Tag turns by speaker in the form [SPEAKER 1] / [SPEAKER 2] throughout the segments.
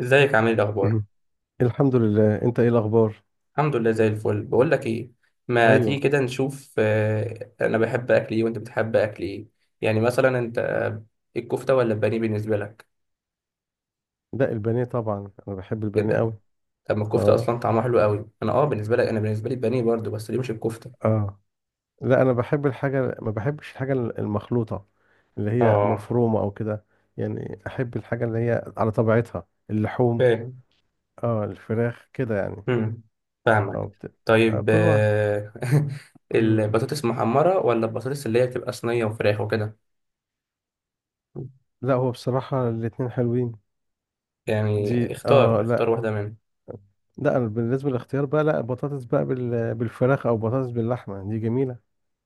[SPEAKER 1] ازيك عامل ايه الاخبار؟
[SPEAKER 2] مهم. الحمد لله، انت ايه الاخبار؟
[SPEAKER 1] الحمد لله زي الفل. بقول لك ايه، ما تيجي
[SPEAKER 2] ايوه.
[SPEAKER 1] كده نشوف انا بحب اكل ايه وانت بتحب اكل ايه؟ يعني مثلا انت، الكفته ولا البانيه بالنسبه لك؟
[SPEAKER 2] لا، البانيه طبعا، انا بحب البانيه
[SPEAKER 1] كده.
[SPEAKER 2] قوي.
[SPEAKER 1] طب ما الكفته
[SPEAKER 2] اه،
[SPEAKER 1] اصلا طعمها حلو قوي. انا بالنسبه لك، انا بالنسبه لي البانيه برضو، بس ليه مش الكفته؟
[SPEAKER 2] اه. لا، انا بحب الحاجه، ما بحبش الحاجه المخلوطه، اللي هي
[SPEAKER 1] اه،
[SPEAKER 2] مفرومه او كده. يعني احب الحاجه اللي هي على طبيعتها، اللحوم.
[SPEAKER 1] فاهم.
[SPEAKER 2] اه، الفراخ كده يعني.
[SPEAKER 1] امم
[SPEAKER 2] اه،
[SPEAKER 1] فاهمك. طيب
[SPEAKER 2] كل واحد. مم.
[SPEAKER 1] البطاطس محمره ولا البطاطس اللي هي بتبقى صينيه وفراخ وكده؟
[SPEAKER 2] لا، هو بصراحه الاتنين حلوين.
[SPEAKER 1] يعني
[SPEAKER 2] دي
[SPEAKER 1] اختار
[SPEAKER 2] اه لا.
[SPEAKER 1] واحده منهم.
[SPEAKER 2] لا، أنا بالنسبه للاختيار بقى، لا بطاطس بقى بالفراخ، او بطاطس باللحمه، دي جميله.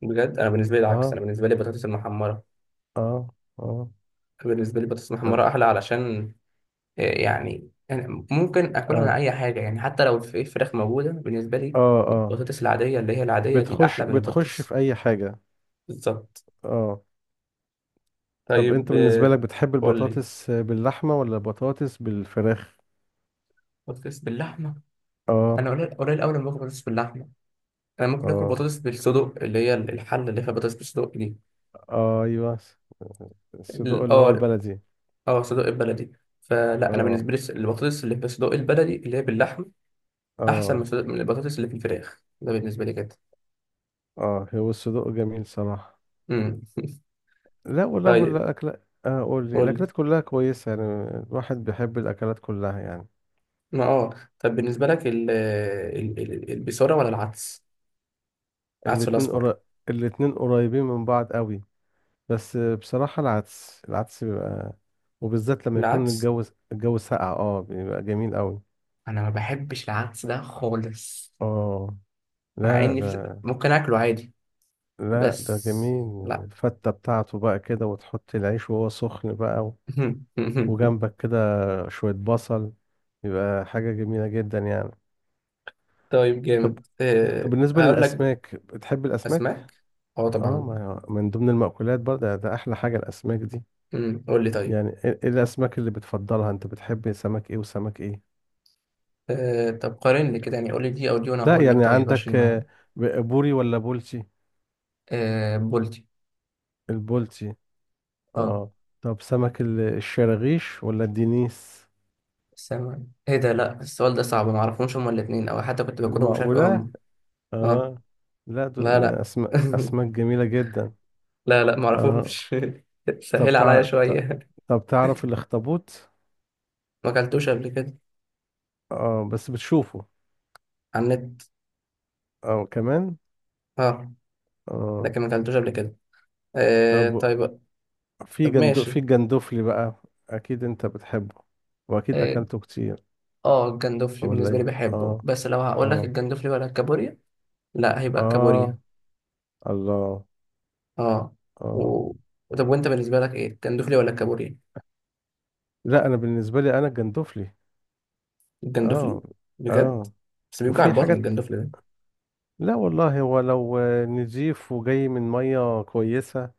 [SPEAKER 1] بجد، انا بالنسبه لي العكس، انا
[SPEAKER 2] اه،
[SPEAKER 1] بالنسبه لي البطاطس المحمره.
[SPEAKER 2] اه، اه.
[SPEAKER 1] بالنسبة لي بطاطس
[SPEAKER 2] طب.
[SPEAKER 1] محمرة أحلى، علشان يعني ممكن أكلها من
[SPEAKER 2] اه،
[SPEAKER 1] أي حاجة. يعني حتى لو في فراخ موجودة، بالنسبة لي
[SPEAKER 2] اه، اه،
[SPEAKER 1] البطاطس العادية اللي هي العادية دي
[SPEAKER 2] بتخش
[SPEAKER 1] أحلى من
[SPEAKER 2] بتخش
[SPEAKER 1] البطاطس.
[SPEAKER 2] في اي حاجة.
[SPEAKER 1] بالظبط.
[SPEAKER 2] اه. طب انت
[SPEAKER 1] طيب
[SPEAKER 2] بالنسبة لك، بتحب
[SPEAKER 1] قول لي.
[SPEAKER 2] البطاطس باللحمة ولا البطاطس بالفراخ؟
[SPEAKER 1] بطاطس باللحمة. أنا
[SPEAKER 2] اه،
[SPEAKER 1] قليل أوي لما باكل بطاطس باللحمة. أنا ممكن آكل
[SPEAKER 2] اه،
[SPEAKER 1] بطاطس بالصدق اللي هي الحلة اللي فيها بطاطس بالصدق دي.
[SPEAKER 2] ايوه. الصدوق اللي هو
[SPEAKER 1] أه،
[SPEAKER 2] البلدي.
[SPEAKER 1] أه، صدق البلدي. فلا، أنا
[SPEAKER 2] اه،
[SPEAKER 1] بالنسبة لي البطاطس اللي بالصدق البلدي اللي هي باللحمة أحسن من
[SPEAKER 2] اه،
[SPEAKER 1] من البطاطس اللي في الفراخ، ده بالنسبة لي كده.
[SPEAKER 2] اه. هو الصدوق جميل صراحة.
[SPEAKER 1] مم.
[SPEAKER 2] لا، ولا،
[SPEAKER 1] طيب.
[SPEAKER 2] ولا اكل. قول لي،
[SPEAKER 1] قول لي.
[SPEAKER 2] الاكلات كلها كويسة يعني. الواحد بيحب الاكلات كلها يعني.
[SPEAKER 1] ما اه طب بالنسبة لك ال ال ال البصارة ولا العدس؟ العدس
[SPEAKER 2] الاتنين
[SPEAKER 1] الأصفر.
[SPEAKER 2] قرا... الاتنين قريبين من بعض قوي. بس بصراحة العدس بيبقى، وبالذات لما يكون
[SPEAKER 1] العدس،
[SPEAKER 2] الجو، الجو ساقع، بيبقى جميل قوي.
[SPEAKER 1] انا ما بحبش العدس ده خالص،
[SPEAKER 2] اه.
[SPEAKER 1] مع
[SPEAKER 2] لا
[SPEAKER 1] إني
[SPEAKER 2] ده.
[SPEAKER 1] ممكن آكله عادي.
[SPEAKER 2] لا، ده
[SPEAKER 1] بس
[SPEAKER 2] جميل.
[SPEAKER 1] لا.
[SPEAKER 2] الفتة بتاعته بقى كده، وتحط العيش وهو سخن بقى، وجنبك كده، شوية بصل، بيبقى حاجة جميلة جدا يعني.
[SPEAKER 1] طيب
[SPEAKER 2] طب.
[SPEAKER 1] جامد،
[SPEAKER 2] طب
[SPEAKER 1] أه
[SPEAKER 2] بالنسبة
[SPEAKER 1] هقول لك بقى.
[SPEAKER 2] للأسماك، بتحب الأسماك؟
[SPEAKER 1] أسماك؟ اه
[SPEAKER 2] اه،
[SPEAKER 1] طبعا.
[SPEAKER 2] ما من ضمن المأكولات برضه، ده أحلى حاجة الأسماك دي.
[SPEAKER 1] قول لي طيب.
[SPEAKER 2] يعني إيه الأسماك اللي بتفضلها؟ أنت بتحب سمك إيه وسمك إيه؟
[SPEAKER 1] أه طب قارن لي كده، يعني قول لي دي أو دي وأنا
[SPEAKER 2] لا
[SPEAKER 1] هقول لك.
[SPEAKER 2] يعني
[SPEAKER 1] طيب، عشان
[SPEAKER 2] عندك،
[SPEAKER 1] ما.
[SPEAKER 2] بوري ولا بولتي؟
[SPEAKER 1] أه، بولتي.
[SPEAKER 2] البولتي.
[SPEAKER 1] اه.
[SPEAKER 2] اه. طب سمك الشراغيش ولا الدنيس؟
[SPEAKER 1] سمك إيه ده؟ لا، السؤال ده صعب، ما أعرفهمش هما الاتنين، أو حتى كنت باكلهم مش عارف إيه
[SPEAKER 2] المعقولة.
[SPEAKER 1] هما. اه.
[SPEAKER 2] اه. لا،
[SPEAKER 1] لا،
[SPEAKER 2] دول
[SPEAKER 1] لا.
[SPEAKER 2] أسماك، أسماك جميلة جدا.
[SPEAKER 1] لا، لا،
[SPEAKER 2] اه.
[SPEAKER 1] معرفهمش.
[SPEAKER 2] طب
[SPEAKER 1] سهل عليا شوية.
[SPEAKER 2] طب تعرف الاخطبوط؟
[SPEAKER 1] ما اكلتوش قبل كده.
[SPEAKER 2] اه، بس بتشوفه.
[SPEAKER 1] على النت.
[SPEAKER 2] اه، كمان.
[SPEAKER 1] اه،
[SPEAKER 2] اه.
[SPEAKER 1] لكن ما اكلتوش قبل كده. آه،
[SPEAKER 2] طب.
[SPEAKER 1] طيب. طب
[SPEAKER 2] في
[SPEAKER 1] ماشي.
[SPEAKER 2] الجندوفلي بقى، أكيد أنت بتحبه، وأكيد
[SPEAKER 1] اه،
[SPEAKER 2] أكلته كتير.
[SPEAKER 1] الجندوفلي
[SPEAKER 2] ولا
[SPEAKER 1] بالنسبة لي
[SPEAKER 2] إيه؟
[SPEAKER 1] بحبه،
[SPEAKER 2] اه،
[SPEAKER 1] بس لو هقول لك
[SPEAKER 2] اه،
[SPEAKER 1] الجندوفلي ولا الكابوريا، لا هيبقى
[SPEAKER 2] اه.
[SPEAKER 1] الكابوريا.
[SPEAKER 2] الله.
[SPEAKER 1] اه.
[SPEAKER 2] اه.
[SPEAKER 1] و... طب وانت بالنسبة لك ايه، الجندوفلي ولا الكابوريا؟
[SPEAKER 2] لا، انا بالنسبه لي، انا الجندفلي.
[SPEAKER 1] الجندوفلي؟
[SPEAKER 2] اه،
[SPEAKER 1] بجد؟
[SPEAKER 2] اه.
[SPEAKER 1] بس بيوجع
[SPEAKER 2] وفي
[SPEAKER 1] البطن
[SPEAKER 2] حاجات.
[SPEAKER 1] الجندوفلي ده.
[SPEAKER 2] لا والله، هو لو نضيف وجاي من ميه كويسه،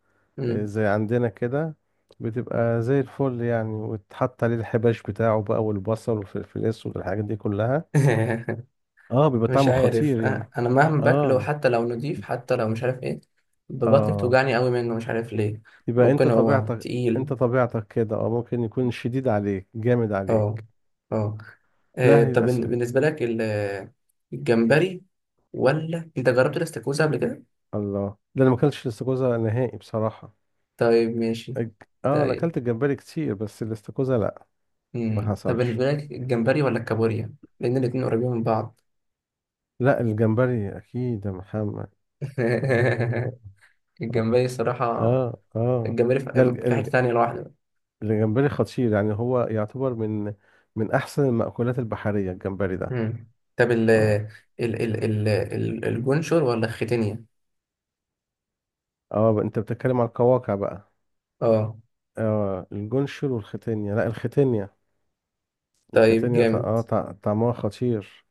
[SPEAKER 1] مم.
[SPEAKER 2] زي عندنا كده، بتبقى زي الفل يعني، وتحط عليه الحباش بتاعه بقى، والبصل والفلفل الاسود والحاجات دي كلها، اه، بيبقى
[SPEAKER 1] مش
[SPEAKER 2] طعمه
[SPEAKER 1] عارف
[SPEAKER 2] خطير يعني.
[SPEAKER 1] انا مهما باكله،
[SPEAKER 2] اه،
[SPEAKER 1] حتى لو نضيف، حتى لو مش عارف ايه، ببطني
[SPEAKER 2] اه.
[SPEAKER 1] بتوجعني قوي منه مش عارف ليه.
[SPEAKER 2] يبقى انت
[SPEAKER 1] ممكن هو
[SPEAKER 2] طبيعتك.
[SPEAKER 1] تقيل.
[SPEAKER 2] انت طبيعتك كده، اه، ممكن يكون شديد عليك، جامد
[SPEAKER 1] اه.
[SPEAKER 2] عليك.
[SPEAKER 1] اه.
[SPEAKER 2] لا هي
[SPEAKER 1] طب
[SPEAKER 2] الأسم...
[SPEAKER 1] بالنسبه لك الجمبري، ولا انت جربت الاستاكوزا قبل كده؟
[SPEAKER 2] الله، ده انا ما اكلتش الاستاكوزا نهائي بصراحه.
[SPEAKER 1] طيب ماشي.
[SPEAKER 2] انا
[SPEAKER 1] طيب.
[SPEAKER 2] اكلت الجمبري كتير، بس الاستاكوزا لا، ما
[SPEAKER 1] مم. طب
[SPEAKER 2] حصلش.
[SPEAKER 1] بالنسبه لك الجمبري ولا الكابوريا؟ لان الاتنين قريبين من بعض.
[SPEAKER 2] لا، الجمبري اكيد يا محمد. اه،
[SPEAKER 1] الجمبري الصراحه.
[SPEAKER 2] اه، اه.
[SPEAKER 1] الجمبري
[SPEAKER 2] ده
[SPEAKER 1] في
[SPEAKER 2] الج-
[SPEAKER 1] في حته
[SPEAKER 2] الج-
[SPEAKER 1] تانية لوحده.
[SPEAKER 2] الجمبري خطير يعني، هو يعتبر من، من احسن المأكولات البحرية الجمبري ده.
[SPEAKER 1] مم. طب
[SPEAKER 2] اه.
[SPEAKER 1] الجونشور ولا الختينيا؟
[SPEAKER 2] اه بقى، انت بتتكلم عن القواقع بقى.
[SPEAKER 1] اه.
[SPEAKER 2] اه الجونشر والختانية، لا الختانية.
[SPEAKER 1] طيب
[SPEAKER 2] الختانية
[SPEAKER 1] جامد.
[SPEAKER 2] طعمها خطير.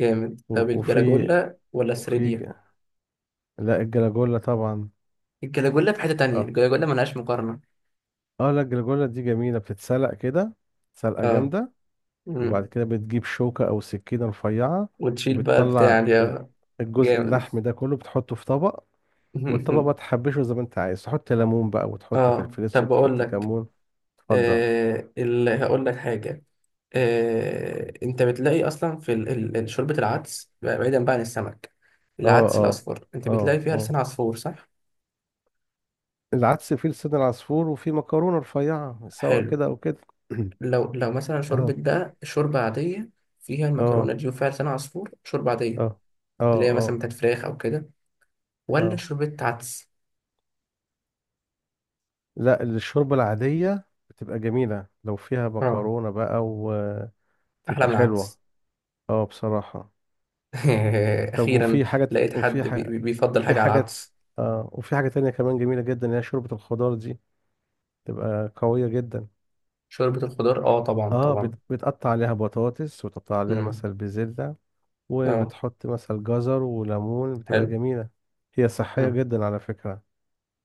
[SPEAKER 1] جامد.
[SPEAKER 2] و-
[SPEAKER 1] طب
[SPEAKER 2] وفي
[SPEAKER 1] الجلاجولا ولا
[SPEAKER 2] وفي
[SPEAKER 1] السريديا؟
[SPEAKER 2] ج- لا الجلاجولا طبعا.
[SPEAKER 1] الجلاجولا في حتة تانية،
[SPEAKER 2] اه،
[SPEAKER 1] الجلاجولا ملهاش مقارنة.
[SPEAKER 2] اه. لا الجلاجولا دي جميلة، بتتسلق كده، سلقة
[SPEAKER 1] اه.
[SPEAKER 2] جامدة، وبعد
[SPEAKER 1] مم.
[SPEAKER 2] كده بتجيب شوكة أو سكينة رفيعة،
[SPEAKER 1] وتشيل بقى البتاع
[SPEAKER 2] وبتطلع
[SPEAKER 1] دي آه.
[SPEAKER 2] الجزء
[SPEAKER 1] جامد.
[SPEAKER 2] اللحم ده كله، بتحطه في طبق، والطبق بقى تحبشه زي ما انت عايز، تحط ليمون بقى، وتحط
[SPEAKER 1] اه
[SPEAKER 2] فلفل
[SPEAKER 1] طب
[SPEAKER 2] اسود،
[SPEAKER 1] بقول
[SPEAKER 2] وتحط
[SPEAKER 1] لك،
[SPEAKER 2] كمون. اتفضل.
[SPEAKER 1] آه هقول لك حاجة. انت بتلاقي اصلا في شوربه العدس، بعيدا بقى عن السمك،
[SPEAKER 2] اه،
[SPEAKER 1] العدس
[SPEAKER 2] اه،
[SPEAKER 1] الاصفر، انت بتلاقي
[SPEAKER 2] اه،
[SPEAKER 1] فيها
[SPEAKER 2] اه.
[SPEAKER 1] لسان عصفور، صح؟
[SPEAKER 2] العدس فيه لسان العصفور، وفيه مكرونة رفيعة، سواء
[SPEAKER 1] حلو.
[SPEAKER 2] كده أو كده.
[SPEAKER 1] لو مثلا شوربة
[SPEAKER 2] اه،
[SPEAKER 1] بقى، شوربة عادية فيها المكرونة
[SPEAKER 2] اه،
[SPEAKER 1] دي وفيها لسان عصفور، شوربة عادية
[SPEAKER 2] اه، اه،
[SPEAKER 1] اللي هي مثلا
[SPEAKER 2] اه،
[SPEAKER 1] بتاعت فراخ أو كده، ولا
[SPEAKER 2] اه.
[SPEAKER 1] شوربة عدس؟
[SPEAKER 2] لا، الشوربة العادية بتبقى جميلة لو فيها
[SPEAKER 1] اه.
[SPEAKER 2] مكرونة بقى،
[SPEAKER 1] أحلى
[SPEAKER 2] تبقى
[SPEAKER 1] من
[SPEAKER 2] حلوة.
[SPEAKER 1] العدس.
[SPEAKER 2] اه بصراحة. طب،
[SPEAKER 1] أخيرا
[SPEAKER 2] وفي حاجة
[SPEAKER 1] لقيت
[SPEAKER 2] وفي
[SPEAKER 1] حد
[SPEAKER 2] حاجة
[SPEAKER 1] بيفضل
[SPEAKER 2] وفي
[SPEAKER 1] حاجة على
[SPEAKER 2] حاجة،
[SPEAKER 1] العدس.
[SPEAKER 2] آه، وفي حاجة تانية كمان جميلة جدا، اللي هي شوربة الخضار دي، تبقى قوية جدا.
[SPEAKER 1] شوربة الخضار، اه طبعا
[SPEAKER 2] اه،
[SPEAKER 1] طبعا.
[SPEAKER 2] بتقطع عليها بطاطس، وتقطع عليها
[SPEAKER 1] امم.
[SPEAKER 2] مثلا بزلة،
[SPEAKER 1] اه.
[SPEAKER 2] وبتحط مثلا جزر وليمون، بتبقى
[SPEAKER 1] حلو.
[SPEAKER 2] جميلة. هي صحية
[SPEAKER 1] امم.
[SPEAKER 2] جدا على فكرة.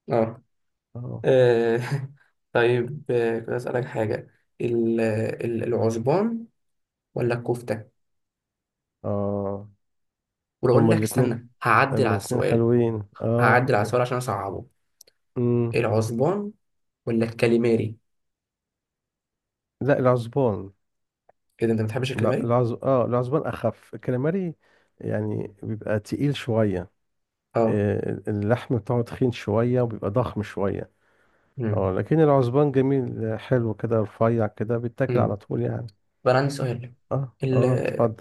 [SPEAKER 1] اه.
[SPEAKER 2] اه،
[SPEAKER 1] آه. طيب، كنت أسألك حاجة. العزبان ولا الكفتة؟
[SPEAKER 2] اه.
[SPEAKER 1] وأقول
[SPEAKER 2] هما
[SPEAKER 1] لك
[SPEAKER 2] الاتنين.
[SPEAKER 1] استنى هعدل
[SPEAKER 2] هما
[SPEAKER 1] على
[SPEAKER 2] الاتنين
[SPEAKER 1] السؤال.
[SPEAKER 2] حلوين، اه.
[SPEAKER 1] هعدل على السؤال عشان أصعبه.
[SPEAKER 2] امم
[SPEAKER 1] العزبان ولا الكاليماري؟
[SPEAKER 2] لا العزبان.
[SPEAKER 1] كده انت ما بتحبش
[SPEAKER 2] لا
[SPEAKER 1] الكاليماري.
[SPEAKER 2] العزبان اخف الكلاماري، يعني بيبقى تقيل شوية،
[SPEAKER 1] اه.
[SPEAKER 2] اللحم بتاعه تخين شوية، وبيبقى ضخم شوية. اه،
[SPEAKER 1] امم.
[SPEAKER 2] لكن العزبان جميل، حلو كده، رفيع كده، بيتاكل على
[SPEAKER 1] امم.
[SPEAKER 2] طول يعني.
[SPEAKER 1] طب انا عندي سؤال.
[SPEAKER 2] اه،
[SPEAKER 1] ال
[SPEAKER 2] اه. اتفضل.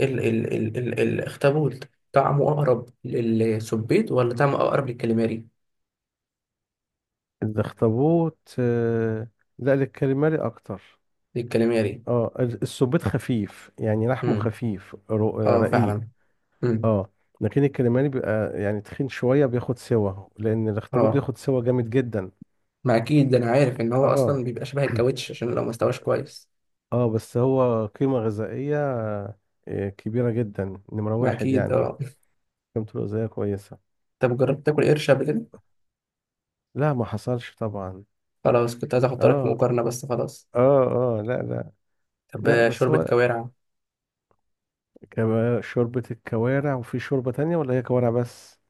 [SPEAKER 1] ال ال ال ال الاخطبوط، طعمه اقرب للسبيط ولا طعمه اقرب للكاليماري؟
[SPEAKER 2] الاخطبوط، لا الكاليماري اكتر.
[SPEAKER 1] للكاليماري.
[SPEAKER 2] اه، السبيط خفيف يعني، لحمه
[SPEAKER 1] امم.
[SPEAKER 2] خفيف،
[SPEAKER 1] اه
[SPEAKER 2] رقيق.
[SPEAKER 1] فعلا. امم.
[SPEAKER 2] اه، لكن الكاليماري بيبقى يعني تخين شوية، بياخد سوا، لأن الاخطبوط
[SPEAKER 1] اه.
[SPEAKER 2] بياخد سوا جامد جدا.
[SPEAKER 1] ما اكيد ده، انا عارف ان هو
[SPEAKER 2] اه.
[SPEAKER 1] اصلا بيبقى شبه الكاوتش عشان لو ما استواش كويس.
[SPEAKER 2] اه، بس هو قيمة غذائية، كبيرة جدا، نمرة
[SPEAKER 1] ما
[SPEAKER 2] واحد
[SPEAKER 1] اكيد
[SPEAKER 2] يعني.
[SPEAKER 1] اه.
[SPEAKER 2] قيمته الغذائية كويسة.
[SPEAKER 1] طب جربت تاكل قرش قبل كده؟
[SPEAKER 2] لا، ما حصلش طبعا.
[SPEAKER 1] خلاص، كنت عايز احط لك في
[SPEAKER 2] اه،
[SPEAKER 1] مقارنه بس خلاص.
[SPEAKER 2] اه، اه. لا، لا.
[SPEAKER 1] طب
[SPEAKER 2] لا، بس
[SPEAKER 1] شوربه
[SPEAKER 2] هو،
[SPEAKER 1] كوارع.
[SPEAKER 2] شوربة الكوارع، وفي شوربة تانية ولا هي كوارع بس؟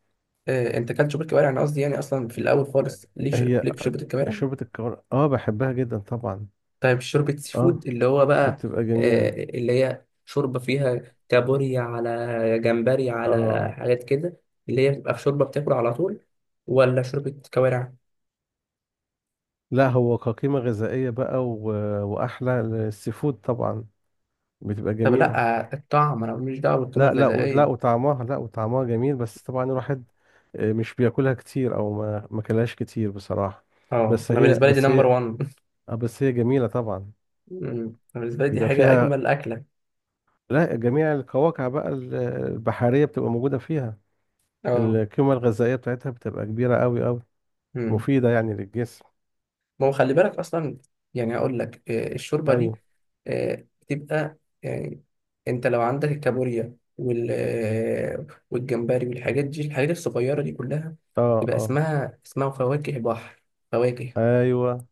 [SPEAKER 1] انت كلت شوربه كوارع، انا قصدي يعني اصلا في الاول خالص، ليك
[SPEAKER 2] هي
[SPEAKER 1] ليك في شوربه الكوارع؟
[SPEAKER 2] شوربة الكوارع، اه بحبها جدا طبعا.
[SPEAKER 1] طيب، شوربة سي فود
[SPEAKER 2] اه،
[SPEAKER 1] اللي هو بقى،
[SPEAKER 2] بتبقى جميلة.
[SPEAKER 1] اللي هي شوربة فيها كابوريا على جمبري على
[SPEAKER 2] اه
[SPEAKER 1] حاجات كده، اللي هي بتبقى في شوربة بتاكل على طول، ولا شوربة كوارع؟
[SPEAKER 2] لا، هو كقيمة غذائية بقى، وأحلى السي فود طبعا، بتبقى
[SPEAKER 1] طب
[SPEAKER 2] جميلة.
[SPEAKER 1] لا، الطعم، أنا ماليش دعوة بالقيمة
[SPEAKER 2] لا، لا،
[SPEAKER 1] الغذائية.
[SPEAKER 2] لا وطعمها جميل، بس طبعا الواحد، مش بياكلها كتير، أو ما كلهاش كتير بصراحة.
[SPEAKER 1] اه.
[SPEAKER 2] بس
[SPEAKER 1] أنا
[SPEAKER 2] هي
[SPEAKER 1] بالنسبة لي دي
[SPEAKER 2] بس
[SPEAKER 1] نمبر
[SPEAKER 2] هي
[SPEAKER 1] 1.
[SPEAKER 2] اه بس هي جميلة طبعا،
[SPEAKER 1] أنا بالنسبة لي دي
[SPEAKER 2] بيبقى
[SPEAKER 1] حاجة،
[SPEAKER 2] فيها،
[SPEAKER 1] أجمل أكلة.
[SPEAKER 2] لا جميع القواقع بقى البحرية بتبقى موجودة فيها.
[SPEAKER 1] اه.
[SPEAKER 2] القيمة الغذائية بتاعتها بتبقى كبيرة أوي أوي،
[SPEAKER 1] أمم.
[SPEAKER 2] مفيدة يعني للجسم.
[SPEAKER 1] ما هو خلي بالك اصلا. يعني اقول لك، الشوربه دي
[SPEAKER 2] أيوه.
[SPEAKER 1] بتبقى، يعني انت لو عندك الكابوريا وال آه، والجمبري والحاجات دي، الحاجات الصغيره دي كلها،
[SPEAKER 2] اه،
[SPEAKER 1] يبقى
[SPEAKER 2] اه.
[SPEAKER 1] اسمها فواكه بحر. فواكه.
[SPEAKER 2] أيوه.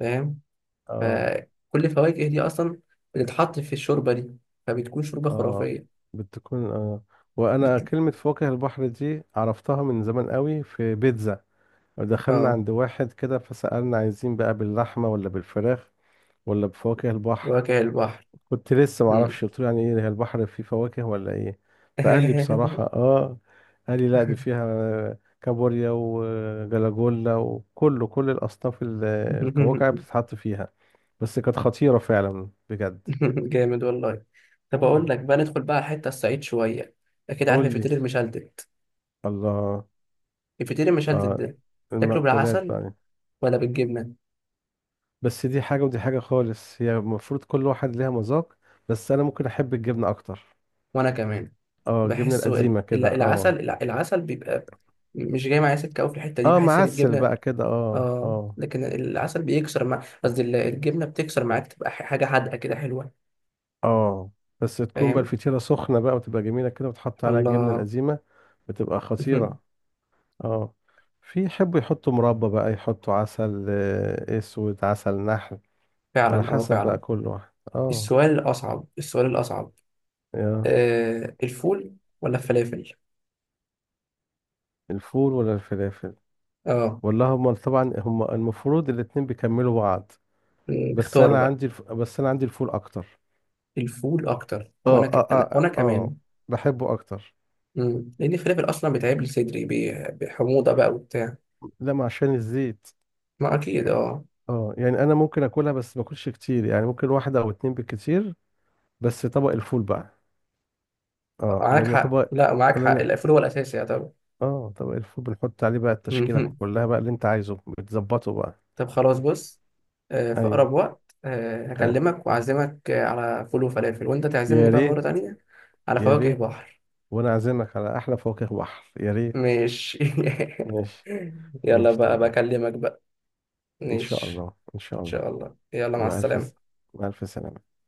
[SPEAKER 1] فاهم.
[SPEAKER 2] اه،
[SPEAKER 1] فكل الفواكه دي اصلا بتتحط في الشوربه دي، فبتكون شوربه
[SPEAKER 2] اه،
[SPEAKER 1] خرافيه.
[SPEAKER 2] بتكون اه. وأنا
[SPEAKER 1] بت...
[SPEAKER 2] كلمة فواكه البحر دي عرفتها من زمان أوي، في بيتزا دخلنا
[SPEAKER 1] اه.
[SPEAKER 2] عند واحد كده، فسألنا عايزين بقى باللحمة ولا بالفراخ ولا بفواكه البحر؟
[SPEAKER 1] فواكه البحر.
[SPEAKER 2] كنت لسه ما
[SPEAKER 1] مم.
[SPEAKER 2] اعرفش، قلت له يعني ايه، هي البحر فيه فواكه ولا ايه؟ فقال لي بصراحة، اه قال لي، لا دي فيها كابوريا وجلاجولا وكله، كل الاصناف الكواكع بتتحط فيها. بس كانت خطيرة فعلا بجد.
[SPEAKER 1] جامد والله. طب
[SPEAKER 2] اه
[SPEAKER 1] اقول لك بقى، ندخل بقى على الحته الصعيد شويه. اكيد عارف
[SPEAKER 2] قول لي.
[SPEAKER 1] الفطير المشلتت.
[SPEAKER 2] الله.
[SPEAKER 1] الفطير المشلتت
[SPEAKER 2] آه
[SPEAKER 1] ده تاكله
[SPEAKER 2] المأكولات
[SPEAKER 1] بالعسل
[SPEAKER 2] بقى.
[SPEAKER 1] ولا بالجبنه؟
[SPEAKER 2] بس دي حاجة، ودي حاجة خالص، هي المفروض كل واحد ليها مذاق. بس أنا ممكن أحب الجبنة أكتر.
[SPEAKER 1] وانا كمان.
[SPEAKER 2] اه، الجبنة
[SPEAKER 1] بحسه
[SPEAKER 2] القديمة كده، اه.
[SPEAKER 1] العسل، العسل بيبقى مش جاي معايا سكه قوي في الحته دي،
[SPEAKER 2] اه
[SPEAKER 1] بحس ان
[SPEAKER 2] معسل
[SPEAKER 1] الجبنه،
[SPEAKER 2] بقى كده، اه،
[SPEAKER 1] اه،
[SPEAKER 2] اه.
[SPEAKER 1] لكن العسل بيكسر مع، قصدي الجبنه بتكسر معاك، تبقى حاجه حادقه كده حلوه.
[SPEAKER 2] اه بس تكون بقى
[SPEAKER 1] فاهم.
[SPEAKER 2] الفطيرة سخنة بقى، وتبقى جميلة كده، وتحط عليها الجبنة
[SPEAKER 1] الله.
[SPEAKER 2] القزيمة، بتبقى خطيرة. اه. في يحبوا يحطوا مربى بقى، يحطوا عسل، اسود، عسل نحل، على
[SPEAKER 1] فعلا، اه
[SPEAKER 2] حسب
[SPEAKER 1] فعلا.
[SPEAKER 2] بقى كل واحد. اه.
[SPEAKER 1] السؤال الاصعب، السؤال الاصعب،
[SPEAKER 2] يا
[SPEAKER 1] آه، الفول ولا الفلافل؟
[SPEAKER 2] الفول ولا الفلافل؟
[SPEAKER 1] اه.
[SPEAKER 2] ولا هما طبعا، المفروض الاتنين بيكملوا بعض.
[SPEAKER 1] مم، اختار بقى.
[SPEAKER 2] بس انا عندي الفول اكتر.
[SPEAKER 1] الفول اكتر.
[SPEAKER 2] اه،
[SPEAKER 1] وانا
[SPEAKER 2] اه، اه،
[SPEAKER 1] وانا
[SPEAKER 2] اه،
[SPEAKER 1] كمان.
[SPEAKER 2] بحبه اكتر.
[SPEAKER 1] مم. لان الفلافل اصلا بيتعب لي صدري، بحموضه بقى وبتاع.
[SPEAKER 2] لا، ما عشان الزيت.
[SPEAKER 1] ما اكيد اه.
[SPEAKER 2] اه، يعني انا ممكن اكلها بس ما اكلش كتير، يعني ممكن واحدة او اتنين بالكتير. بس طبق الفول بقى. اه
[SPEAKER 1] معاك
[SPEAKER 2] لان
[SPEAKER 1] حق،
[SPEAKER 2] طبق
[SPEAKER 1] لا معاك حق،
[SPEAKER 2] لان،
[SPEAKER 1] الفول هو الاساسي يا طبعا.
[SPEAKER 2] اه طبق الفول بنحط عليه بقى التشكيلة
[SPEAKER 1] مهم.
[SPEAKER 2] كلها بقى اللي انت عايزه، بتظبطه بقى.
[SPEAKER 1] طب خلاص، بص، في
[SPEAKER 2] ايوه.
[SPEAKER 1] اقرب وقت
[SPEAKER 2] تمام.
[SPEAKER 1] هكلمك واعزمك على فول وفلافل، وانت تعزمني
[SPEAKER 2] يا
[SPEAKER 1] بقى
[SPEAKER 2] ريت.
[SPEAKER 1] مره تانية على
[SPEAKER 2] يا
[SPEAKER 1] فواكه
[SPEAKER 2] ريت،
[SPEAKER 1] بحر.
[SPEAKER 2] وانا عازمك على احلى فواكه بحر، يا ريت.
[SPEAKER 1] ماشي.
[SPEAKER 2] ماشي.
[SPEAKER 1] يلا
[SPEAKER 2] ماشي
[SPEAKER 1] بقى،
[SPEAKER 2] تمام.
[SPEAKER 1] بكلمك بقى.
[SPEAKER 2] ان شاء
[SPEAKER 1] ماشي.
[SPEAKER 2] الله، ان شاء
[SPEAKER 1] ان
[SPEAKER 2] الله.
[SPEAKER 1] شاء الله. يلا مع
[SPEAKER 2] مع الف س-
[SPEAKER 1] السلامه.
[SPEAKER 2] مع الف سلامة.